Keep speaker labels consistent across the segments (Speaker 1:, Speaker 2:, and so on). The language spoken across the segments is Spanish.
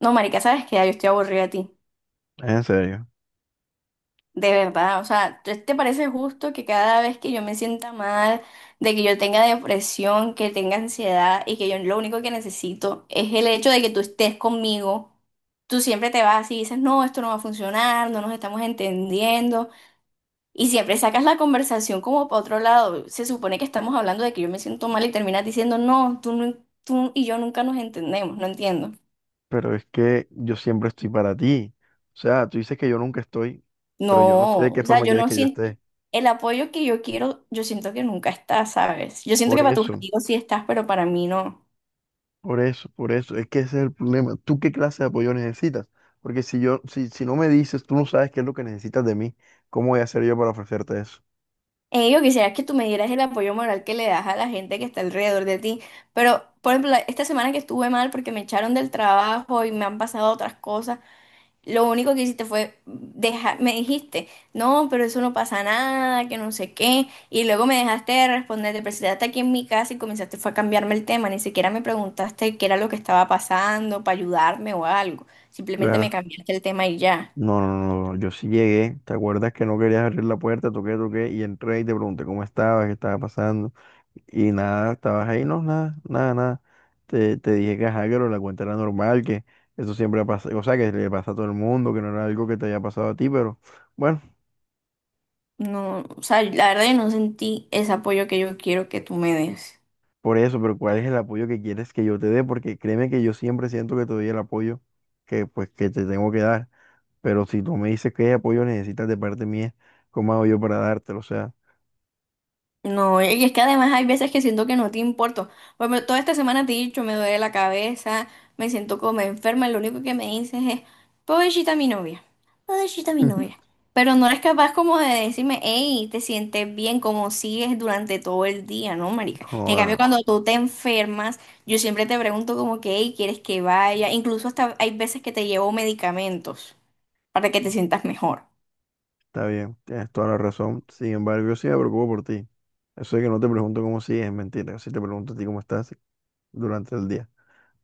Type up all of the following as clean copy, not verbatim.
Speaker 1: No, marica, sabes que ya yo estoy aburrida de ti.
Speaker 2: En serio,
Speaker 1: De verdad, o sea, ¿te parece justo que cada vez que yo me sienta mal, de que yo tenga depresión, que tenga ansiedad y que yo lo único que necesito es el hecho de que tú estés conmigo? Tú siempre te vas y dices, no, esto no va a funcionar, no nos estamos entendiendo. Y siempre sacas la conversación como para otro lado. Se supone que estamos hablando de que yo me siento mal y terminas diciendo, no, tú, no, tú y yo nunca nos entendemos, no entiendo.
Speaker 2: pero es que yo siempre estoy para ti. O sea, tú dices que yo nunca estoy, pero yo no
Speaker 1: No,
Speaker 2: sé de
Speaker 1: o
Speaker 2: qué
Speaker 1: sea,
Speaker 2: forma
Speaker 1: yo
Speaker 2: quieres
Speaker 1: no
Speaker 2: que yo
Speaker 1: siento
Speaker 2: esté.
Speaker 1: el apoyo que yo quiero, yo siento que nunca está, ¿sabes? Yo siento
Speaker 2: Por
Speaker 1: que para tus
Speaker 2: eso,
Speaker 1: amigos sí estás, pero para mí no.
Speaker 2: por eso, por eso. Es que ese es el problema. ¿Tú qué clase de apoyo necesitas? Porque si yo, si, si no me dices, tú no sabes qué es lo que necesitas de mí, ¿cómo voy a hacer yo para ofrecerte eso?
Speaker 1: Yo quisiera que tú me dieras el apoyo moral que le das a la gente que está alrededor de ti, pero por ejemplo, esta semana que estuve mal porque me echaron del trabajo y me han pasado otras cosas. Lo único que hiciste fue dejar, me dijiste, no, pero eso no pasa nada, que no sé qué, y luego me dejaste de responder, te presentaste aquí en mi casa y comenzaste fue a cambiarme el tema, ni siquiera me preguntaste qué era lo que estaba pasando para ayudarme o algo, simplemente me
Speaker 2: Claro.
Speaker 1: cambiaste el tema y ya.
Speaker 2: No, no, no, no, yo sí llegué. ¿Te acuerdas que no querías abrir la puerta? Toqué, toqué y entré y te pregunté cómo estabas, qué estaba pasando. Y nada, estabas ahí, no, nada, nada, nada. Te dije que ajá, que lo de la cuenta era normal, que eso siempre pasa, o sea, que le pasa a todo el mundo, que no era algo que te haya pasado a ti, pero bueno,
Speaker 1: No, o sea, la verdad yo no sentí ese apoyo que yo quiero que tú me des.
Speaker 2: por eso, pero ¿cuál es el apoyo que quieres que yo te dé? Porque créeme que yo siempre siento que te doy el apoyo que pues que te tengo que dar, pero si tú me dices qué apoyo necesitas de parte mía, ¿cómo hago yo para dártelo? O sea,
Speaker 1: No, y es que además hay veces que siento que no te importo. Bueno, toda esta semana te he dicho, me duele la cabeza, me siento como enferma, lo único que me dices es, pobrecita mi novia, pobrecita mi novia. Pero no eres capaz como de decirme, hey, te sientes bien, como sigues durante todo el día, ¿no, marica? En cambio,
Speaker 2: joda,
Speaker 1: cuando tú te enfermas, yo siempre te pregunto como que, hey, ¿quieres que vaya? Incluso hasta hay veces que te llevo medicamentos para que te sientas mejor.
Speaker 2: está bien, tienes toda la razón. Sin embargo, yo sí me preocupo por ti. Eso de que no te pregunto cómo sigues es mentira. Si te pregunto a ti cómo estás, durante el día.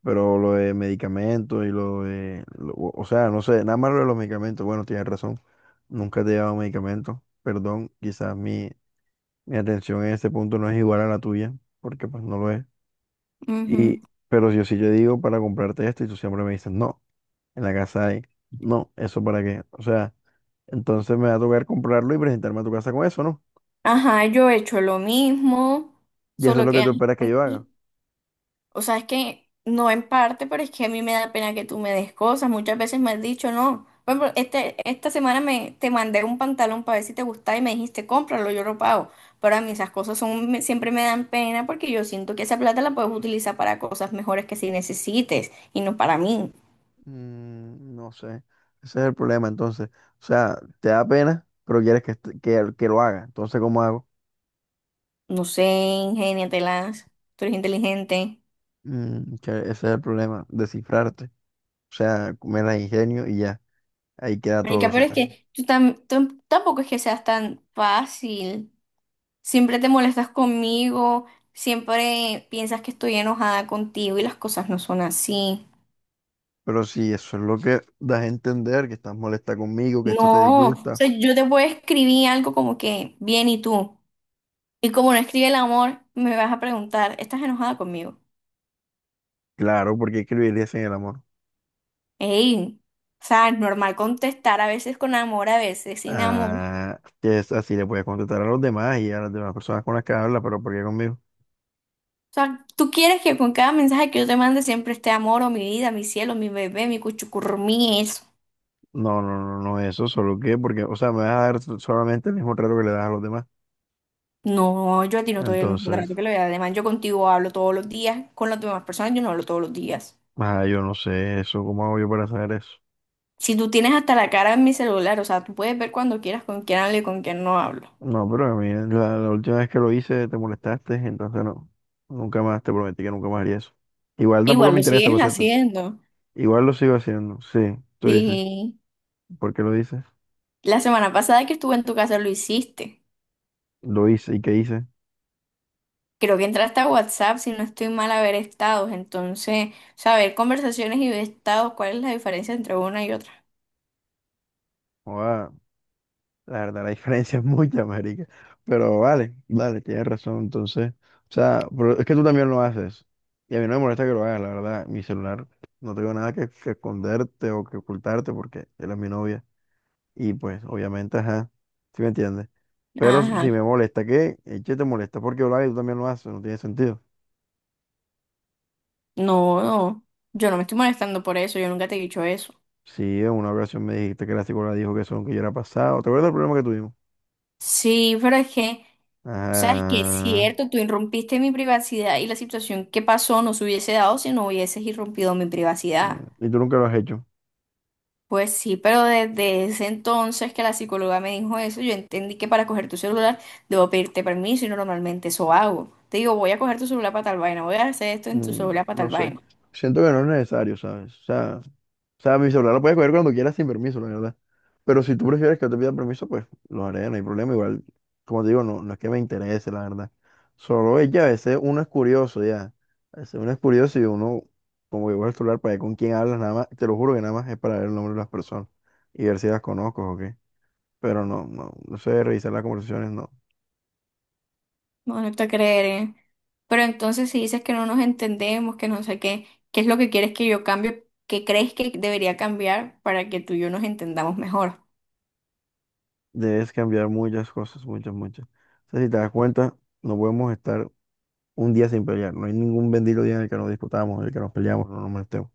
Speaker 2: Pero lo de medicamentos y lo de, o sea, no sé, nada más lo de los medicamentos. Bueno, tienes razón. Nunca te he llevado medicamentos. Perdón, quizás mi, mi atención en este punto no es igual a la tuya, porque pues no lo es. Y, pero yo sí yo digo para comprarte esto y tú siempre me dices, no, en la casa hay, no, ¿eso para qué? O sea, entonces me va a tocar comprarlo y presentarme a tu casa con eso, ¿no?
Speaker 1: Ajá, yo he hecho lo mismo,
Speaker 2: Y eso es
Speaker 1: solo
Speaker 2: lo que
Speaker 1: que,
Speaker 2: tú esperas que yo haga.
Speaker 1: o sea, es que no en parte, pero es que a mí me da pena que tú me des cosas. Muchas veces me has dicho, no. Por ejemplo, esta semana te mandé un pantalón para ver si te gustaba y me dijiste, cómpralo, yo lo pago. Pero a mí esas cosas son, siempre me dan pena porque yo siento que esa plata la puedes utilizar para cosas mejores que si necesites y no para mí.
Speaker 2: Mm, no sé. Ese es el problema, entonces. O sea, te da pena, pero quieres que, que lo haga. Entonces, ¿cómo hago?
Speaker 1: No sé, ingéniatelas, tú eres inteligente.
Speaker 2: Mm, que ese es el problema, descifrarte. O sea, me la ingenio y ya. Ahí queda todo. O
Speaker 1: Marica, pero
Speaker 2: sea,
Speaker 1: es que tú tampoco es que seas tan fácil. Siempre te molestas conmigo, siempre piensas que estoy enojada contigo y las cosas no son así.
Speaker 2: pero si eso es lo que das a entender, que estás molesta conmigo, que esto te
Speaker 1: No, o
Speaker 2: disgusta.
Speaker 1: sea, yo te puedo escribir algo como que, bien, ¿y tú? Y como no escribe el amor, me vas a preguntar, ¿estás enojada conmigo?
Speaker 2: Claro, porque escribirías en el amor.
Speaker 1: Ey, o sea, es normal contestar a veces con amor, a veces sin amor.
Speaker 2: Ah, que es así, le puedes contestar a los demás y a las demás personas con las que hablas, pero ¿por qué conmigo?
Speaker 1: O sea, tú quieres que con cada mensaje que yo te mande siempre esté amor o mi vida, mi cielo, mi bebé, mi cuchucurrumí, eso.
Speaker 2: No, no, no, no, eso, solo que, porque, o sea, me vas a dar solamente el mismo trato que le das a los demás.
Speaker 1: No, yo a ti no te doy el mismo trato
Speaker 2: Entonces,
Speaker 1: que le doy. Además, yo contigo hablo todos los días. Con las demás personas yo no hablo todos los días.
Speaker 2: ah, yo no sé eso, ¿cómo hago yo para saber eso?
Speaker 1: Si tú tienes hasta la cara en mi celular, o sea, tú puedes ver cuando quieras con quién hablo y con quién no hablo.
Speaker 2: No, pero a mí la última vez que lo hice te molestaste, entonces no, nunca más, te prometí que nunca más haría eso. Igual tampoco
Speaker 1: Igual
Speaker 2: me
Speaker 1: lo
Speaker 2: interesa,
Speaker 1: sigues
Speaker 2: pues, entonces,
Speaker 1: haciendo.
Speaker 2: igual lo sigo haciendo, sí, tú dices.
Speaker 1: Sí.
Speaker 2: ¿Por qué lo dices?
Speaker 1: La semana pasada que estuve en tu casa lo hiciste.
Speaker 2: Lo hice, ¿y qué hice?
Speaker 1: Creo que entraste a WhatsApp, si no estoy mal, a ver estados. Entonces, saber conversaciones y ver estados, ¿cuál es la diferencia entre una y otra?
Speaker 2: Joda, la verdad, la diferencia es mucha, marica. Pero vale, vale, tienes razón, entonces, o sea, pero es que tú también lo haces. Y a mí no me molesta que lo hagas, la verdad, mi celular, no tengo nada que esconderte o que ocultarte porque él es mi novia. Y pues, obviamente, ajá, ¿sí me entiendes? Pero
Speaker 1: Ajá.
Speaker 2: si me molesta, ¿qué? Eche te molesta porque Olave tú también lo haces, no tiene sentido.
Speaker 1: No, no. Yo no me estoy molestando por eso. Yo nunca te he dicho eso.
Speaker 2: Sí, en una ocasión me dijiste que la psicóloga dijo que eso nunca yo era pasado. ¿Te acuerdas del problema que tuvimos?
Speaker 1: Sí, pero es que sabes que es
Speaker 2: Ajá.
Speaker 1: cierto, tú irrumpiste mi privacidad y la situación que pasó no se hubiese dado si no hubieses irrumpido mi
Speaker 2: Mm,
Speaker 1: privacidad.
Speaker 2: y tú nunca lo has hecho.
Speaker 1: Pues sí, pero desde ese entonces que la psicóloga me dijo eso, yo entendí que para coger tu celular debo pedirte permiso y normalmente eso hago. Te digo, voy a coger tu celular para tal vaina, voy a hacer esto en tu
Speaker 2: Mm,
Speaker 1: celular para tal
Speaker 2: no sé.
Speaker 1: vaina.
Speaker 2: Siento que no es necesario, ¿sabes? O sea, o sea, mi celular lo puedes coger cuando quieras sin permiso, la verdad. Pero si tú prefieres que yo te pida permiso, pues lo haré, no hay problema. Igual, como te digo, no, no es que me interese, la verdad. Solo es que a veces uno es curioso, ya. A veces uno es curioso y uno, como que coge el celular para ver con quién hablas, nada más, te lo juro que nada más es para ver el nombre de las personas y ver si las conozco o qué. Pero no, no, no sé, revisar las conversaciones, no.
Speaker 1: No, no te creeré. Pero entonces si dices que no nos entendemos, que no sé qué, ¿qué es lo que quieres que yo cambie? ¿Qué crees que debería cambiar para que tú y yo nos entendamos mejor?
Speaker 2: Debes cambiar muchas cosas, muchas, muchas. O sea, si te das cuenta, no podemos estar un día sin pelear. No hay ningún bendito día en el que nos disputamos, en el que nos peleamos, no nos molestemos.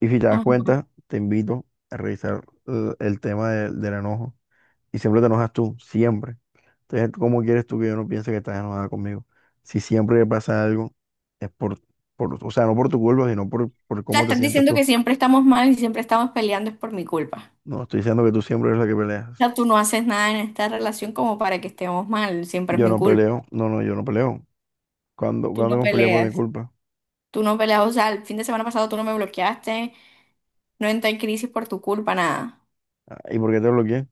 Speaker 2: Y si te das cuenta, te invito a revisar el tema del enojo. Y siempre te enojas tú, siempre. Entonces, ¿cómo quieres tú que yo no piense que estás enojada conmigo? Si siempre que pasa algo, es por, o sea, no por tu culpa, sino por
Speaker 1: Sea,
Speaker 2: cómo te
Speaker 1: estás
Speaker 2: sientes
Speaker 1: diciendo
Speaker 2: tú.
Speaker 1: que siempre estamos mal y siempre estamos peleando es por mi culpa.
Speaker 2: No, estoy diciendo que tú siempre eres la que
Speaker 1: O
Speaker 2: peleas.
Speaker 1: sea, tú no haces nada en esta relación como para que estemos mal, siempre es
Speaker 2: Yo
Speaker 1: mi
Speaker 2: no
Speaker 1: culpa.
Speaker 2: peleo, no, no, yo no peleo. ¿Cuándo,
Speaker 1: Tú
Speaker 2: cuándo
Speaker 1: no
Speaker 2: hemos peleado por mi
Speaker 1: peleas,
Speaker 2: culpa?
Speaker 1: Tú no peleas, o sea, el fin de semana pasado tú no me bloqueaste, no entré en crisis por tu culpa, nada.
Speaker 2: Ah, ¿y por qué te bloqueé?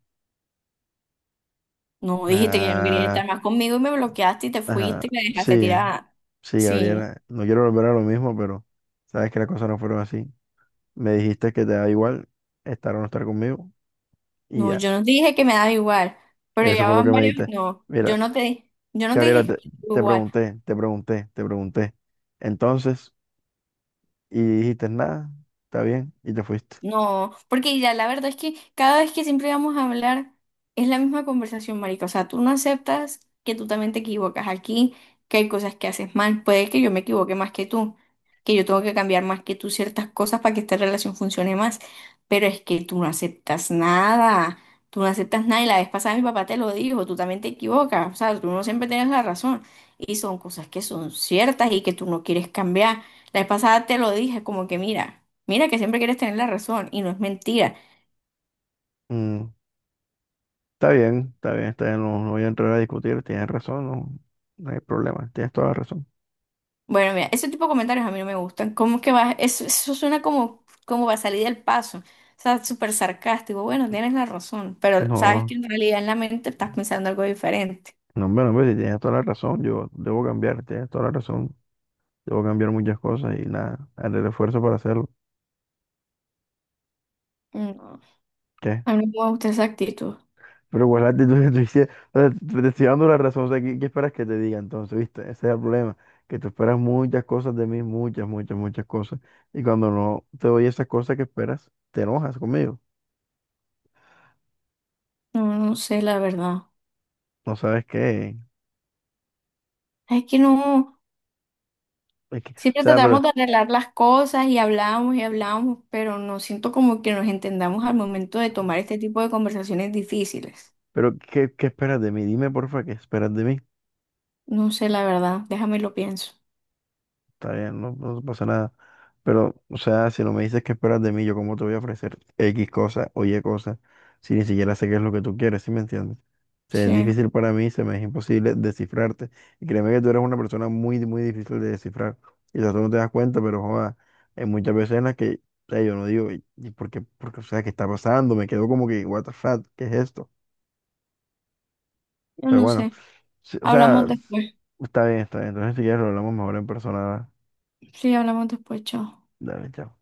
Speaker 1: No dijiste que ya no querías
Speaker 2: Ah,
Speaker 1: estar más conmigo y me bloqueaste y te
Speaker 2: ajá,
Speaker 1: fuiste y me dejaste
Speaker 2: sí,
Speaker 1: tirada.
Speaker 2: sí,
Speaker 1: Sí,
Speaker 2: Gabriela. No quiero volver a lo mismo, pero sabes que las cosas no fueron así. Me dijiste que te da igual estar o no estar conmigo y
Speaker 1: no,
Speaker 2: ya.
Speaker 1: yo no te dije que me daba igual, pero
Speaker 2: Eso
Speaker 1: ya
Speaker 2: fue lo que
Speaker 1: van
Speaker 2: me
Speaker 1: varios,
Speaker 2: diste.
Speaker 1: no,
Speaker 2: Mira,
Speaker 1: yo no te
Speaker 2: Gabriela,
Speaker 1: dije que me
Speaker 2: te,
Speaker 1: daba
Speaker 2: te
Speaker 1: igual.
Speaker 2: pregunté, te pregunté, te pregunté. Entonces, y dijiste nada, está bien, y te fuiste.
Speaker 1: No, porque ya la verdad es que cada vez que siempre vamos a hablar es la misma conversación, marica. O sea, tú no aceptas que tú también te equivocas aquí, que hay cosas que haces mal. Puede que yo me equivoque más que tú, que yo tengo que cambiar más que tú ciertas cosas para que esta relación funcione más. Pero es que tú no aceptas nada. Tú no aceptas nada y la vez pasada mi papá te lo dijo, tú también te equivocas. O sea, tú no siempre tienes la razón. Y son cosas que son ciertas y que tú no quieres cambiar. La vez pasada te lo dije, como que mira. Mira que siempre quieres tener la razón y no es mentira.
Speaker 2: Mm, está bien, está bien, está bien, no, no voy a entrar a discutir, tienes razón, no, no hay problema, tienes toda la razón.
Speaker 1: Bueno, mira, ese tipo de comentarios a mí no me gustan. ¿Cómo que vas? Eso suena como, como va a salir del paso. O sea, súper sarcástico. Bueno, tienes la razón, pero sabes que
Speaker 2: No,
Speaker 1: en realidad en la mente estás pensando algo diferente.
Speaker 2: no, hombre, no, hombre, si tienes toda la razón, yo debo cambiar, tienes toda la razón, debo cambiar muchas cosas y nada, haré el esfuerzo para hacerlo.
Speaker 1: No,
Speaker 2: ¿Qué?
Speaker 1: a mí no me gusta esa actitud.
Speaker 2: Pero igual la actitud que tú hiciste, o sea, te estoy dando la razón, o sea, ¿qué, qué esperas que te diga entonces, viste? Ese es el problema, que tú esperas muchas cosas de mí, muchas, muchas, muchas cosas, y cuando no te doy esas cosas que esperas, te enojas conmigo,
Speaker 1: No, no sé, la verdad.
Speaker 2: no sabes qué,
Speaker 1: Es que no,
Speaker 2: o
Speaker 1: siempre
Speaker 2: sea,
Speaker 1: tratamos de arreglar las cosas y hablamos, pero no siento como que nos entendamos al momento de tomar este tipo de conversaciones difíciles.
Speaker 2: pero ¿qué, qué esperas de mí? Dime, porfa, ¿qué esperas de mí?
Speaker 1: No sé, la verdad. Déjame lo pienso.
Speaker 2: Está bien, no, no pasa nada. Pero, o sea, si no me dices qué esperas de mí, yo cómo te voy a ofrecer X cosa o Y cosa, si ni siquiera sé qué es lo que tú quieres, ¿sí me entiendes? Se es
Speaker 1: Sí,
Speaker 2: difícil para mí, se me es imposible descifrarte. Y créeme que tú eres una persona muy, muy difícil de descifrar. Quizás tú no te das cuenta, pero joda, hay muchas veces en las que, o sea, yo no digo, ¿y por qué? Porque, o sea, ¿qué está pasando? Me quedo como que, what the fuck, ¿qué es esto?
Speaker 1: yo
Speaker 2: Pero
Speaker 1: no
Speaker 2: bueno,
Speaker 1: sé.
Speaker 2: sí, o sea,
Speaker 1: Hablamos después.
Speaker 2: está bien, está bien. Entonces, si quieres, lo hablamos mejor en persona.
Speaker 1: Sí, hablamos después, chao.
Speaker 2: Dale, chao.